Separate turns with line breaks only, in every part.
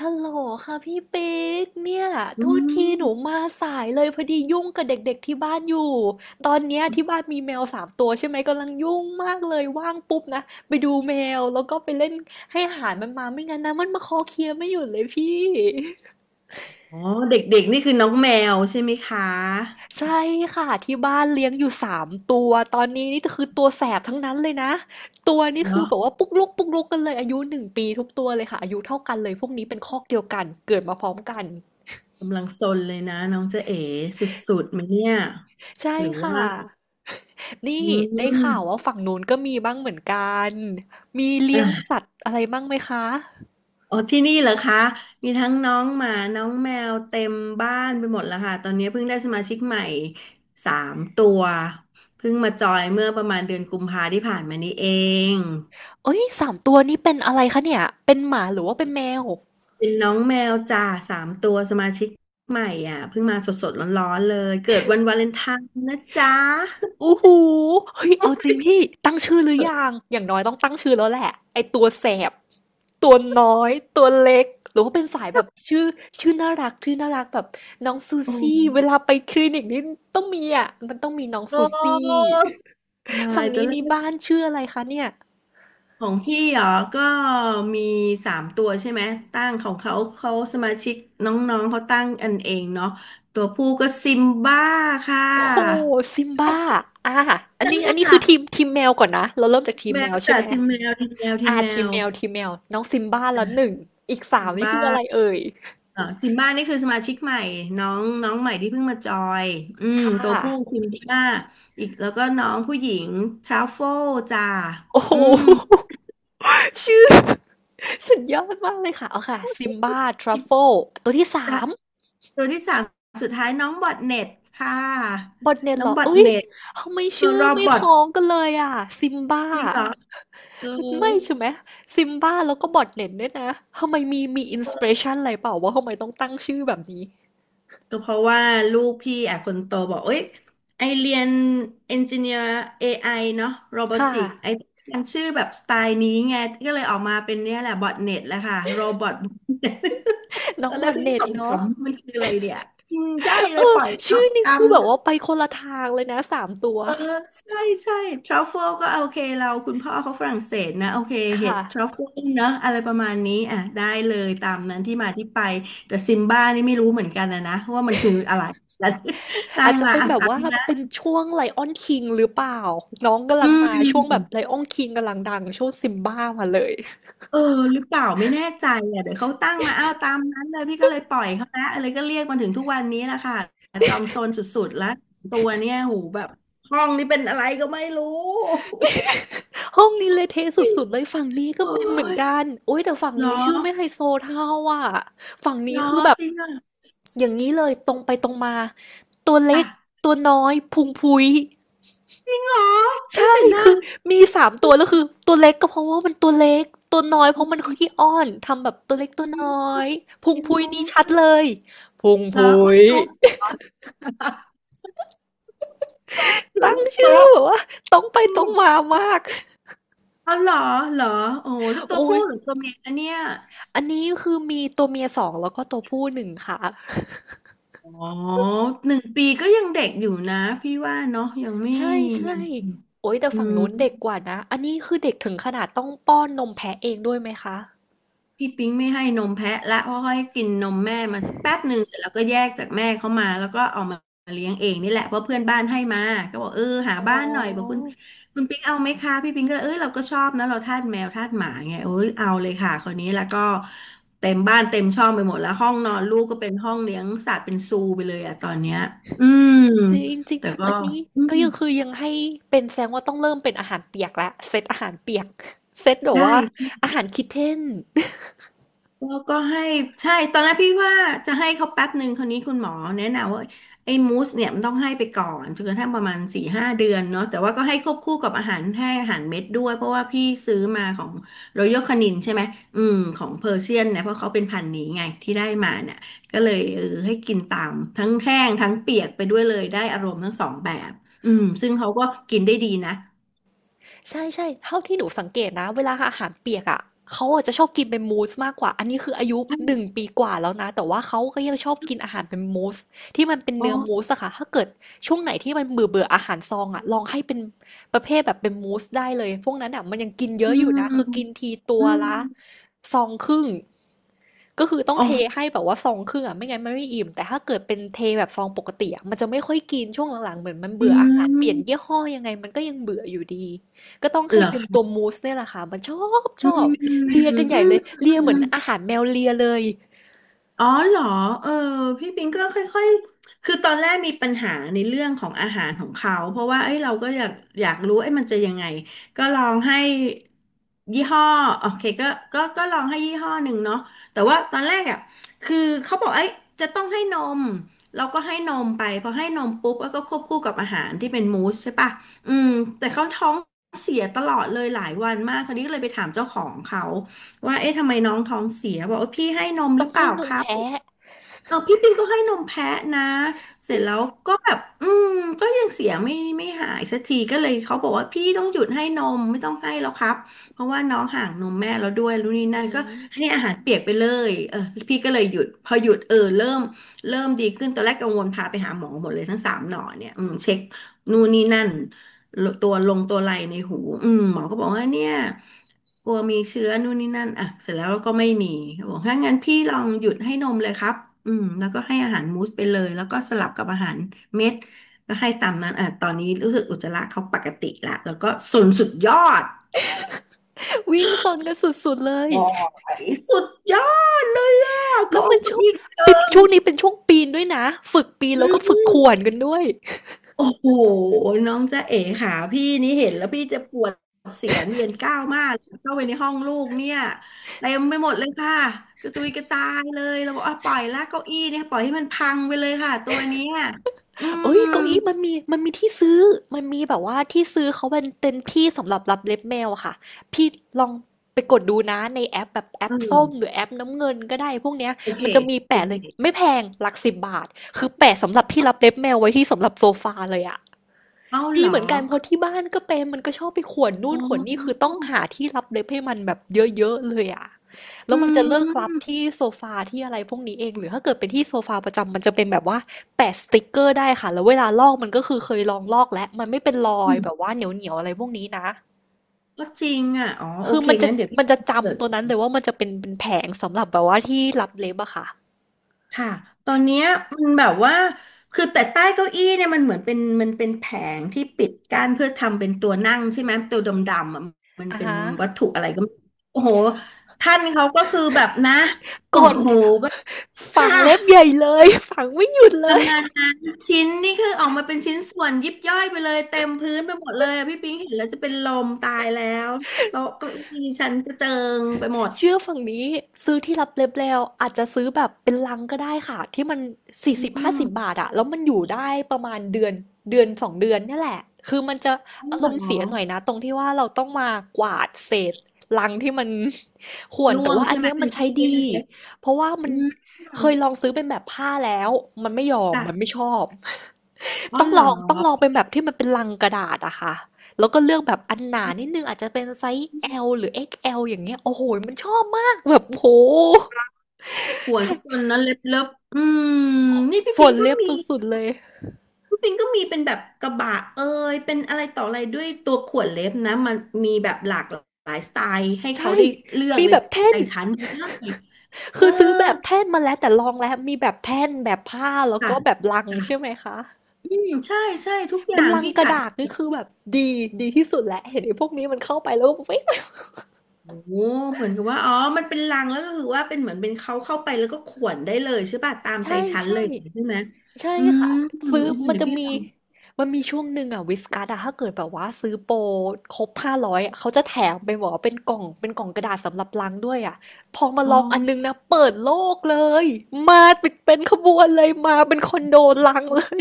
ฮัลโหลค่ะพี่ปิ๊กเนี่ย
อื
โทษทีหนู
ม
มาสายเลยพอดียุ่งกับเด็กๆที่บ้านอยู่ตอนเนี้ยที่บ้านมีแมวสามตัวใช่ไหมกำลังยุ่งมากเลยว่างปุ๊บนะไปดูแมวแล้วก็ไปเล่นให้อาหารมันมาไม่งั้นนะมันมาคอเคลียร์ไม่หยุดเลยพี่
อ๋อ เด็กๆ นี่คือน้องแมวใช่ไหมคะ
ใช่ค่ะที่บ้านเลี้ยงอยู่สามตัวตอนนี้นี่คือตัวแสบทั้งนั้นเลยนะตัวนี่คือ
เนาะ
แบบว่าปุ๊กลุกปุ๊กลุกกันเลยอายุหนึ่งปีทุกตัวเลยค่ะอายุเท่ากันเลยพวกนี้เป็นคอกเดียวกันเกิดมาพร้อมกัน
กำลังซนเลยนะน้องเจ๊เอ๋สุดๆไหมเนี่ย
ใช่
หรือ
ค่ะ
ว่า
นี่
อื
ได้
ม
ข่าวว่าฝั่งนู้นก็มีบ้างเหมือนกัน มีเลี้ยง
อ่ะ
สัตว์อะไรบ้างไหมคะ
อ๋อ ที่นี่เหรอคะ มีทั้งน้องหมาน้องแมวเต็มบ้านไปหมดแล้วค่ะ ตอนนี้เพิ่งได้สมาชิกใหม่สามตัวเพิ่งมาจอยเมื่อประมาณเดือนกุมภาที่ผ่านมานี้เอง
เอ้ย3 ตัวนี้เป็นอะไรคะเนี่ย เป็นหมาหรือว่าเป็นแมว
เป็นน้องแมวจ่าสามตัวสมาชิกใหม่อ่ะเพิ่งมาสดๆร้อนๆเลยเกิดวันวาเลนไทน์นะจ๊ะ
อู้หูเฮ้ยเอาจริงพี่ตั้งชื่อหรือยัง
โ
อย่างน้อยต้องตั้งชื่อแล้วแหละไอตัวแสบตัวน้อย ตัวเล็ก หรือว่าเป็นสายแบบชื่อชื่อน่ารักชื่อน่ารักแบบน้องซู
อ้
ซี่ เวลาไปคลินิกนี่ต้องมีอ่ะมันต้องมีน้อง
โอ
ซูซี่
้ตา
ฝั่
ย
ง
ตัว
นี้
เลื
นี่
อก
บ้านชื่ออะไรคะเนี่ย
ของพี่เหรอก็มีสามตัวใช่ไหมตั้งของเขาเขาสมาชิกน้องๆเขาตั้งอันเองเนาะตัวผู้ก็ซิมบ้าค่
โอ้โห
ะ
ซิมบ้าอ่าอั
จ
นนี้อันนี้
้า
คือทีมแมวก่อนนะเราเริ่มจากทีม
แม
แม
ว
วใช่
จ้ะ
ไหม
ทีมแมวทีมแมวทีม
อ่า
แม
ทีม
ว
แมวทีมแมวน้องซิมบ้าแลวหนึ่งอีกสา
ซิ
ม
ม
นี่
บ้า
คืออะไรเอ่ย
อ๋อซิมบ้านี่คือสมาชิกใหม่น้องน้องใหม่ที่เพิ่งมาจอยอืม
ค่
ตัว
ะ
ผู้ซิมบ้าอีกแล้วก็น้องผู้หญิงทราโฟลจ้า
โอ้
อืม
โฮ ชื่อ สุดยอดมากเลยค่ะเอาค่ะซิมบ้าทรัฟเฟิลตัวที่สาม
ตัวที่สามสุดท้ายน้องบอทเน็ตค่ะ
บอทเนน
น้
เห
อ
ร
ง
อ
บอท
เอ้ย
เน็ต
ทำไม
เออ
ชื่อ
รอบ
ไม่
บอ
ค
ท
ล้องกันเลยอ่ะซิมบ้า
จริงเหรอเออ
ไม่ใช่ไหมซิมบ้าแล้วก็บอทเนนด้วยนะทำไมมีอินสปิเรชันอะไรเปล่าว่าทำไมต้องตั้งชื่อแบบนี้
ก็เพราะว่าลูกพี่อ่ะคนโตบอกเอ้ยไอเรียนเอนจิเนียร์ AI เนาะโรบอ
ค่ะ
ติกไอมันชื่อแบบสไตล์นี้ไงก็เลยออกมาเป็นเนี่ยแหละบอทเน็ตแหละค่ะโรบอท
น้อ
เอ
ง
อ
บ
แล้
อ
ว
น
พี่
เน็
ข
ตเนาะ
ำๆมันคืออะไรเนี่ยอืมใช่
เอ
เลยป
อ
ล่อย
ชื่
เอา
อนี่
ตา
คื
ม
อแบบ
นะ
ว่าไปคนละทางเลยนะสามตัว
เออใช่ใช่ทรัฟเฟิลก็โอเคเราคุณพ่อเขาฝรั่งเศสนะโอเคเห็ด
ค่ะ
ทรัฟเฟิลเนอะอะไรประมาณนี้อ่ะได้เลยตามนั้นที่มาที่ไปแต่ซิมบ้านี่ไม่รู้เหมือนกันนะว่ามันคืออะไร ตั้
อา
ง
จจะ
มา
เป็น
อ่ะ
แบบ
ตา
ว่า
มนะ
เป็นช่วงไลออนคิงหรือเปล่าน้องกำ
อื
ลังมาช่วงแบบไล
ม
ออนคิงกำลังดังช่วงซิมบ้ามาเลย
เออหรือเปล่าไม่แน่ใจอ่ะเดี๋ยวเขาตั้งมาอ้าวตามนั้นเลยพี่ก็เลยปล่อยเขาละอะไรก็เรียกมาถึงทุกวันนี้แหละค่ะจอมซนสุดๆแล้วตัวเนี่ยหูแบบห้องนี้เป็นอะไรก็ไม่รู้
ห้องนี้เละเทะสุดๆเลยฝั่งนี้ก็
โอ้
เป็นเหมือน
ย
กันโอ้ยแต่ฝั่ง
เหรอ
นี้ชื่อไม่ไฮโซเท่าอ่ะฝั่ง
เหร
นี้
อ
คือแบบ
จริงอ่ะ
อย่างนี้เลยตรงไปตรงมาตัวเล็
จ้ะ
กตัวน้อยพุงพุ้ย
จริงเหรอเฮ้ย
ใช่
แต่น่า
คือมีสามตัวแล้วคือตัวเล็กก็เพราะว่ามันตัวเล็กตัวน้อยเพราะมันขี้อ้อนทำแบบตัวเล็กตัวน้อยพุงพุยนี่ชัดเลยพุง
เหรอ
พุ
อ้วน
ย
ตุ๊กหรือ
ตั้ง
อ้วนตุ๊
ชื่อ
ก
แบบว่าตรงไป
อื
ตร
ม
งมามาก
เอาเหรอเหรอโอ้แล้วตัว
โอ้
ผู้
ย
หรือตัวเมียอันเนี้ย
อันนี้คือมีตัวเมีย2แล้วก็ตัวผู้หนึ่งค่ะ
อ๋อหนึ่งปีก็ยังเด็กอยู่นะพี่ว่าเนาะยังไม่
ใช่
ยั
ใช่
ง
โอ้ยแต่
อื
ฝั่ง
ม
นู้นเด็กกว่านะอันนี้คือเด็กถึงขนาดต้องป้อนนมแพะเองด้วยไหมคะ
พี่ปิ๊งไม่ให้นมแพะละเพราะให้กินนมแม่มาสักแป๊บหนึ่งเสร็จแล้วก็แยกจากแม่เข้ามาแล้วก็เอามาเลี้ยงเองนี่แหละเพราะเพื่อนบ้านให้มาก็บอกเออหา
อ๋อ
บ้านหน่อยบอกคุณปิ๊งเอาไหมคะพี่ปิ๊งก็เลยเออเราก็ชอบนะเราทาสแมวทาสหมาไงเออเอาเลยค่ะคนนี้แล้วก็เต็มบ้านเต็มช่องไปหมดแล้วห้องนอนลูกก็เป็นห้องเลี้ยงสัตว์เป็นซูไปเลยอะตอนเนี้ยอืม
จริงจริง
แต่ก็
อันนี้ก็ยังคือยังให้เป็นแสดงว่าต้องเริ่มเป็นอาหารเปียกละเซตอาหารเปียก เซตแบบ
ใช่
ว่าอาหารคิดเทน
แล้วก็ให้ใช่ตอนแรกพี่ว่าจะให้เขาแป๊บหนึ่งคราวนี้คุณหมอแนะนำว่าไอ้มูสเนี่ยมันต้องให้ไปก่อนจนกระทั่งประมาณสี่ห้าเดือนเนาะแต่ว่าก็ให้ควบคู่กับอาหารให้อาหารเม็ดด้วยเพราะว่าพี่ซื้อมาของรอยัลคานินใช่ไหมอืมของเพอร์เซียนเนี่ยเพราะเขาเป็นพันธุ์นี้ไงที่ได้มาเนี่ยก็เลยเออให้กินตามทั้งแห้งทั้งเปียกไปด้วยเลยได้อารมณ์ทั้งสองแบบอืมซึ่งเขาก็กินได้ดีนะ
ใช่ใช่เท่าที่หนูสังเกตนะเวลาอาหารเปียกอ่ะเขาอาจจะชอบกินเป็นมูสมากกว่าอันนี้คืออายุ
ใช่
หนึ่งปีกว่าแล้วนะแต่ว่าเขาก็ยังชอบกินอาหารเป็นมูสที่มันเป็น
อ๋อ
เนื้อมูสอะค่ะถ้าเกิดช่วงไหนที่มันเบื่อเบื่ออาหารซองอะลองให้เป็นประเภทแบบเป็นมูสได้เลยพวกนั้นอะมันยังกินเย
อื
อะอยู่นะคือกิน
ม
ทีตั
อื
วละ
ม
ซองครึ่ง ก็คือต้อง
อ๋
เท
อ
ให้แบบว่า1 ซองครึ่งอ่ะไม่งั้นมันไม่อิ่มแต่ถ้าเกิดเป็นเทแบบซองปกติอะมันจะไม่ค่อยกินช่วงหลังๆเหมือนมัน
อื
เบื่ออาหารเปลี่ยนยี่
ม
ห้อยังไงมันก็ยังเบื่ออยู่ดีก็ต้องให้
เหรอ
เป็นตัว
คะ
มูสเนี่ยแหละค่ะมันชอบช
อื
อบ
มอืม
เลียกันให
อ
ญ่เลยเลียเห
ื
มือน
ม
อาหารแมวเลียเลย
อ๋อเหรอเออพี่ปิงก็ค่อยๆคือตอนแรกมีปัญหาในเรื่องของอาหารของเขาเพราะว่าเอ้ยเราก็อยากรู้เอ้ยมันจะยังไงก็ลองให้ยี่ห้อโอเคก็ลองให้ยี่ห้อหนึ่งเนาะแต่ว่าตอนแรกอ่ะคือเขาบอกเอ้ยจะต้องให้นมเราก็ให้นมไปพอให้นมปุ๊บแล้วก็ควบคู่กับอาหารที่เป็นมูสใช่ปะอืมแต่เขาท้องเสียตลอดเลยหลายวันมากคราวนี้ก็เลยไปถามเจ้าของเขา ว่าเอ๊ะทำไมน้องท้องเสียบอกว่าพี่ให้นมห
ต้อ
รื
ง
อเป
ให้
ล่า
น
ค
ม
รับ
แพะ
เออพี่ปิงก็ให้นมแพะนะเสร็จแล้วก็แบบอืมก็ยังเสียไม่หายสักทีก็เลยเขาบอกว่าพี่ต้องหยุดให้นมไม่ต้องให้แล้วครับเพราะว่าน้องห่างนมแม่แล้วด้วยรู้นี่
อื
นั่นก็ให้
ม
อาหารเปียกไปเลยเออพี่ก็เลยหยุดพอหยุดเออเริ่มดีขึ้นตอนแรกกังวลพาไปหาหมอหมดเลยทั้งสามหนอเนี่ยอืมเช็คนู่นนี่นั่น ตัวลงตัวไหลในหูหมอก็บอกว่าเนี่ยกลัวมีเชื้อนู่นนี่นั่นอ่ะเสร็จแล้วก็ไม่มีเขาบอกถ้างั้นพี่ลองหยุดให้นมเลยครับแล้วก็ให้อาหารมูสไปเลยแล้วก็สลับกับอาหารเม็ดก็ให้ตามนั้นอ่ะตอนนี้รู้สึกอุจจาระเขาปกติละแล้วก็สุนสุดยอด
วิ่งซนกันสุดๆเลย
โอ๋อสุดยอดเลยอ่ะ
แล้
ก็
ว
อ
มั
ง
นชอ
ค์
บ
อีกเกิ
ปิด
ง
ช่วงนี้เป็นช่วงปีนด้วยนะฝึกปีน
อื
แล้วก็ฝึกข่วน
ม
กันด้วย
โอ้โหน้องจ๊ะเอ๋ค่ะพี่นี่เห็นแล้วพี่จะปวดเสียนเวียนก้าวมากเข้าไปในห้องลูกเนี่ยเต็มไปหมดเลยค่ะกระจุยกระจายเลยเราบอกอ่ะปล่อยละเก้าอี้เนี่ยปล่อยให้มันพังไปเลยค่ะตัวเนี้ยอื
เอ้ย
ม
เก้าอี้มันมีมีที่ซื้อ มันมีแบบว่าที่ซื้อเขาเป็นเต็นที่สำหรับรับเล็บแมวอะค่ะ พี่ลองไปกดดูนะในแอปแบบแอ
เอ
ป
อ
ส้มหรือแอปน้ำเงินก็ได้พวกเนี้ย
โอเค
มันจะมี
โอ
แปะเล
เค
ยไม่แพงหลัก10 บาทคือแปะสำหรับที่รับเล็บแมวไว้ที่สำหรับโซฟาเลยอะ
เอาเห
มี
รอ
เหมือนกันเพราะที่บ้านก็เป็นมันก็ชอบไปข่วนนู่
อ๋
นข่วนนี่คือ
อ
ต้องหาที่รับเล็บให้มันแบบเยอะๆเลยอะแล้
อื
วมันจะเลิกรับ
ม
ที่โซฟาที่อะไรพวกนี้เองหรือถ้าเกิดเป็นที่โซฟาประจำมันจะเป็นแบบว่าแปะสติกเกอร์ได้ค่ะแล้วเวลาลอกมันก็คือเคยลองลอกแล้วมันไม่เป็นรอ
อื
ย
ม
แบบว่าเหนียวๆอะไรพวกนี้นะ
ก็จริงอ่ะอ๋อโอ
คือ
เค
มันจะ
งั้นเดี๋ยวพี่
มันจะ
เกิด
จำตัวนั้นเลยว่ามันจะเป็นแผงสำหรับแบบว่าที่รับเล็บอะค่ะ
ค่ะ ตอนเนี้ยมันแบบว่า คือแต่ใต้เก้าอี้เนี่ยมันเหมือนเป็นมันเป็นแผงที่ปิดกั้นเพื่อทำเป็นตัวนั่งใช่ไหมตัวดำๆอะมัน
อ่
เป็น
ฮะ
วัตถุอะไรก็ไม่โอ้โหท่านเขาก็คือแบบนะ
ก
โอ้
ด
โหแบบ
ฝั
ค่ะ
งเล็บใหญ่เลยฝังไม่หยุด
ป
เล
ระ
ย
มาณนั้นชิ้นนี่คือออกมาเป็นชิ้นส่วนยิบย่อยไปเลยเต็มพื้นไปหมดเลยอะพี่ปิงเห็นแล้วจะเป็นลมตายแล้วโต๊ะเก้าอี้ฉันกระเจิงไปหมด
เชื่อฝั่งนี้ซื้อที่รับเล็บแล้วอาจจะซื้อแบบเป็นลังก็ได้ค่ะที่มันสี่สิบ
อ๋
ห้าสิบ
อ
บาทอะแล้วมันอยู่ได้ประมาณเดือนเดือนสองเดือนเนี่ยแหละคือมันจะ
อ๋อ
อารม
เห
ณ์
รอ
เสียหน่อยนะตรงที่ว่าเราต้องมากวาดเศษลังที่มัน ข่วน
ร่
แต่
วง
ว่าอั
ใช่
น
ไหม
เนี้ย
เป็
มัน
นชิ้
ใช้
นเ
ดี
ล็ก
เพราะว่า
ๆ
มั
อื
น
ม
เคยลองซื้อเป็นแบบผ้าแล้วมันไม่ยอมมัน
ค่ะ
ไม่ชอบ
อ๋อ
ต้อง
เหร
ล
อ
องต้องลองเป็นแบบที่มันเป็นลังกระดาษอะค่ะ แล้วก็เลือกแบบอันหนานิดนึงอาจจะเป็นไซส์ L หรือ XL อกซ์แอลอย่างเงี้ยโอ้โหมันชอบมากแบบโห
ปวด
ได้
ทุกคนนะเล็บเล็บอืมนี่พี่
ฝ
ปิง
น
ก็
เล็บ
มี
สุดๆเลย
เป็นแบบกระบะเอ่ยเป็นอะไรต่ออะไรด้วยตัวขวดเล็บนะมันมีแบบหลากหลายสไตล์ให้เขา
ใช่
ได้เลือก
มี
เลย
แบบแท่
ใจ
น
ฉันไม่ได้เออ
คือซื้อแบบแท่นมาแล้วแต่ลองแล้วมีแบบแท่นแบบผ้าแล้ว
ค่ะ
ก็แบบลังใช่
ค่ะ
ไหมคะ
อืมใช่ใช่ทุกอ
เป็
ย่า
น
ง
ลัง
พี่
กระ
จัด
ดาษ
ให้
นี่คือแบบดีดีที่สุดแล้วเห็นไอ้พวกนี้มันเข้าไปแล้วก็เว้ย
โอ้โหเหมือนกับว่าอ๋อมันเป็นลังแล้วก็คือว่าเป็นเหมือนเป็นเขาเข้าไปแล้วก็ขวนได้เลยใช่ป่ะตามใจ
ใช่
ฉันเล
ใช่
ยใช่ไหม
ใช่
อืม
ค่ะซื้อมัน
เดี๋ยว
จะ
พี่ล
มี
อง
มันมีช่วงหนึ่งอะวิสกัสอะถ้าเกิดแบบว่าซื้อโปรครบ500เขาจะแถมเป็นแว่าเป็นกล่องเป็นกล่องกระดาษสำหรับล้างด้วยอะพอมา
อ๋
ลองอันนึง
อ
นะเปิดโลกเลยมาเป็นขบวนเลยมาเป็นคอนโดลังเลย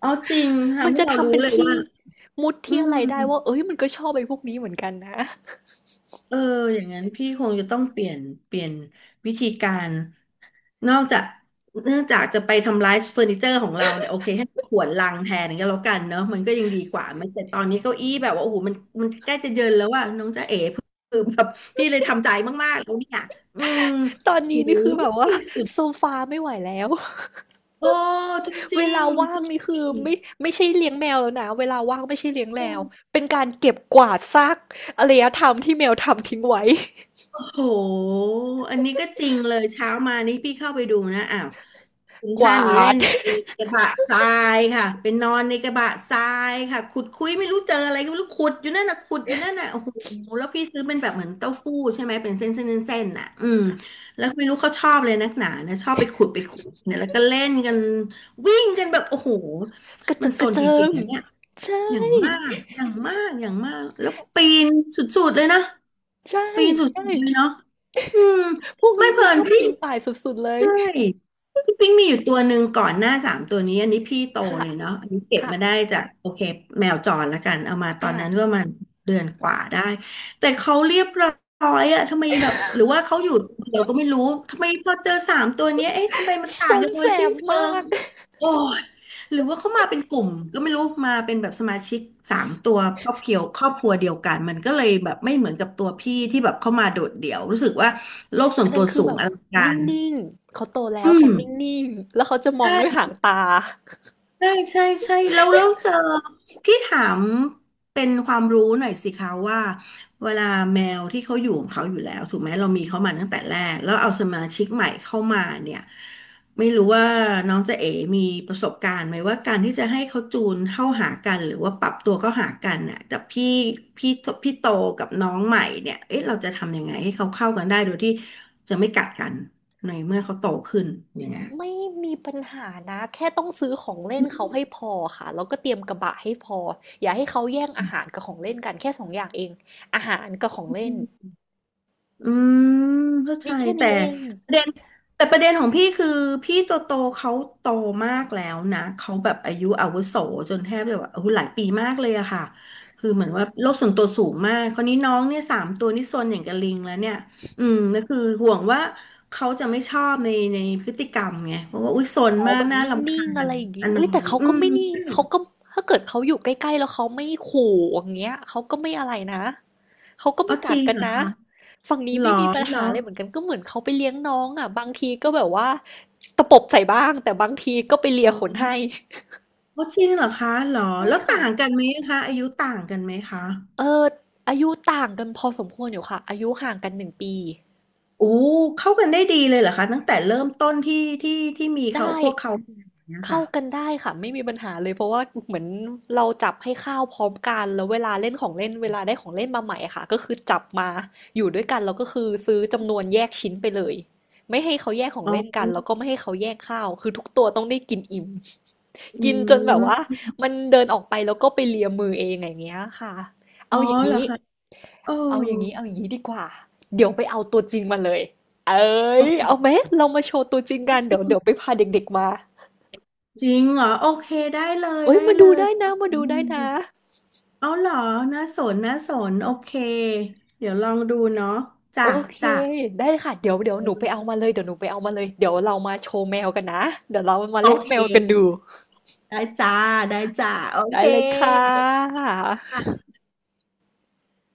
อ๋อจริง
มั
ทำ
น
ให้
จะ
เรา
ทำ
รู้
เป็น
เลย
ที่
ว่า
มุด
อื
ที่อะ
ม
ไรได้ว่าเอ้ยมันก็ชอบไอ้พวกนี้เหมือนกันนะ
เอออย่างนั้นพี่คงจะต้องเปลี่ยนเปลี่ยนวิธีการนอกจากเนื่องจากจะไปทำลายเฟอร์นิเจอร์ของเราเนี่ยโอเคให้ขวนลังแทนก็แล้วกันเนอะมันก็ยังดีกว่ามันแต่ตอนนี้เก้าอี้แบบว่าโอ้โหมันมันใกล้จะเยินแล้วว่าน้องจ๊ะเอ๋คือแบบพี่เลยทำใจมากๆแล้วเนี่ยอืม
ตอน
โห
นี้นี่คือแบบว่า
สุด
โซฟาไม่ไหวแล้ว
โอ้จ
เว
ริง
ลาว่างนี่
ๆจ
คื
ริ
อ
ง
ไม่ใช่เลี้ยงแมวแล้วนะเวลาว่างไม่ใช่เลี้ยงแมวเป็นการเก็บกวาดซากอารยธรรมที่แมวทำทิ้งไว้
โหอันนี้ก็จริงเลยเช้ามานี่พี่เข้าไปดูนะอ้าวคุณ
ก
ท่า
วา
นเล่
ด
น ในกระบะทรายค่ะเป็นนอนในกระบะทรายค่ะขุดคุยไม่รู้เจออะไรก็ไม่รู้ขุดอยู่นั่นน่ะขุดอยู่นั่นน่ะโอ้โหแล้วพี่ซื้อเป็นแบบเหมือนเต้าหู้ใช่ไหมเป็นเส้นเส้นเส้นเส้นน่ะอืมแล้วไม่รู้เขาชอบเลยนักหนานะชอบไปขุดไปขุดเนี่ยแล้วก็เล่นกันวิ่งกันแบบโอ้โห
กระ
มั
เจิ
น
ด
โซ
กระ
น
เจิ
จริง
ง
ๆนะเนี่ย
ใช่
อย่างมากอย่างมากอย่างมากแล้วปีนสุดๆเลยนะ
ใช่
ปีนสุด
ใช่
ๆเลยเนาะ อืม
พวก
ไม่
นี้
เพลิ
นี่ช
น
อบ
พี่
ปีนป่ายสุดๆเลย
ใช่พี่ปิ๊งมีอยู่ตัวหนึ่งก่อนหน้าสามตัวนี้อันนี้พี่โต
ค่ะ
เลยเนาะอันนี้เก็บ
ค่ะ
มาได้จากโอเคแมวจรละกันเอามาตอ
อ่า
นนั้นก็ประมาณเดือนกว่าได้แต่เขาเรียบร้อยอะทำไมแบบหรือว่าเขาอยู่เดี๋ยวก็ไม่รู้ทำไมพอเจอสามตัวเนี้ยเอ๊ะทำไมมัน
ซ
ต่าง
น
กันโด
แส
ยสิ้
บ
นเชิ
มา
ง
ก
โอ้ยหรือว่าเขามาเป็นกลุ่มก็ไม่รู้มาเป็นแบบสมาชิกสามตัวครอบครัวเดียวกันมันก็เลยแบบไม่เหมือนกับตัวพี่ที่แบบเข้ามาโดดเดี่ยวรู้สึกว่าโลกส่
อั
วน
นนั้
ตั
น
ว
คือ
สู
แบ
ง
บ
อลังกา
นิ
ร
่งๆเขาโตแล้
อื
ว
ม
เขานิ่งๆแล้วเขาจะมองด้วย
ใช่
หางตา
ใช่ใช่ใช่แล้วเจอพี่ถามเป็นความรู้หน่อยสิคะว่าเวลาแมวที่เขาอยู่ของเขาอยู่แล้วถูกไหมเรามีเขามาตั้งแต่แรกแล้วเอาสมาชิกใหม่เข้ามาเนี่ยไม่รู้ว่าน้องเจะเอ๋มีประสบการณ์ไหมว่าการที่จะให้เขาจูนเข้าหากันหรือว่าปรับตัวเข้าหากันน่ะกับพี่พี่โตกับน้องใหม่เนี่ยเอ๊ะเราจะทำยังไงให้เขาเข้ากันได้โดยที่จะไม่กัดกันในเมื่อเขาโตขึ้นอย่างเงี้ย
ไม่มีปัญหานะแค่ต้องซื้อของเล่นเขาให้พอค่ะแล้วก็เตรียมกระบะให้พออย่าให้เขาแย่งอาหารกับของเล่นกันแค่สองอย่างเองอาหารกับของเล่น
อืมเข้าใจ
มีแค่
แต่
นี้เอง
ประเด็นของพี่คือพี่โตโตเขาโตมากแล้วนะเขาแบบอายุอาวุโสจนแทบจะแบบโอายุหลายปีมากเลยอะค่ะคือเหมือนว่าโลกส่วนตัวสูงมากคราวนี้น้องเนี่ยสามตัวนี่ซนอย่างกับลิงแล้วเนี่ยอืมก็คือห่วงว่าเขาจะไม่ชอบในพฤติกรรมไงเพราะว่าอุ้ยซน
อ๋อ
มาก
แบบ
น่า
น
รำ
ิ่
คา
งๆอะ
ญ
ไรอย่าง
อ
งี้
นอ
เอ้ยแต่
ย
เขา
อื
ก็
ม
ไม่นี่เขาก็ถ้าเกิดเขาอยู่ใกล้ๆแล้วเขาไม่ขู่อย่างเงี้ยเขาก็ไม่อะไรนะเขาก็
อ๋
ไม่
อจ
กัด
ริง
กัน
เหรอ
นะ
คะ
ฝั่งนี้
หรอ
ไม่มีปัญ
เหรอ
หาเลยเหมือนกันก็เหมือนเขาไปเลี้ยงน้องอ่ะบางทีก็แบบว่าตะปบใส่บ้างแต่บางทีก็ไปเลี
อ๋
ยขนให้
อ อ๋อจริงเหรอคะเหรอ
ใช่
แล้ว
ค่ะ
ต่างกันไหมคะอายุต่างกันไหมคะ
เอออายุต่างกันพอสมควรอยู่ค่ะอายุห่างกัน1 ปี
โอ้เข้ากันได้ดีเลยเหรอคะตั้งแต่เริ่มต้นที่ที่มีเขา
ได้
พวกเขาอย่างเนี้ย
เข้า
ค่ะ
กันได้ค่ะไม่มีปัญหาเลยเพราะว่าเหมือนเราจับให้ข้าวพร้อมกันแล้วเวลาเล่นของเล่นเวลาได้ของเล่นมาใหม่อะค่ะก็คือจับมาอยู่ด้วยกันแล้วก็คือซื้อจำนวนแยกชิ้นไปเลยไม่ให้เขาแยกของ
อ๋
เล่นกันแล้วก็
อ
ไม่ให้เขาแยกข้าวคือทุกตัวต้องได้กินอิ่ม
อื
กินจนแบบว่า
ม
มันเดินออกไปแล้วก็ไปเลียมือเองอย่างเงี้ยค่ะ
อ๋
เอา
อ
อย่าง
เหรอ
นี้
คะเออ
เอาอย่างนี้ดีกว่า เดี๋ยวไปเอาตัวจริงมาเลย เอ้
โอ
ยเอา
เค
ไหมเรามาโชว์ตัวจริงกันเดี๋ยวไปพาเด็กๆมา
จริงเหรอโอเคได้เลย
เอ้ย
ได้
มา
เล
ดู
ย
ได้นะมา
อื
ดูได้
ม
นะ
เอาเหรอน่าสนน่าสนโอเคเดี๋ยวลองดูเนาะจ้ะ
โอเค
จ้ะ
ได้เลยค่ะเดี๋ยวหนูไปเอามาเลยเดี๋ยวหนูไปเอามาเลยเดี๋ยวเรามาโชว์แมวกันนะเดี๋ยวเรามา
โอ
แลก
เ
แมวกันดู
คได้จ้าได้จ้าโอ
ได้
เค
เลยค่ะ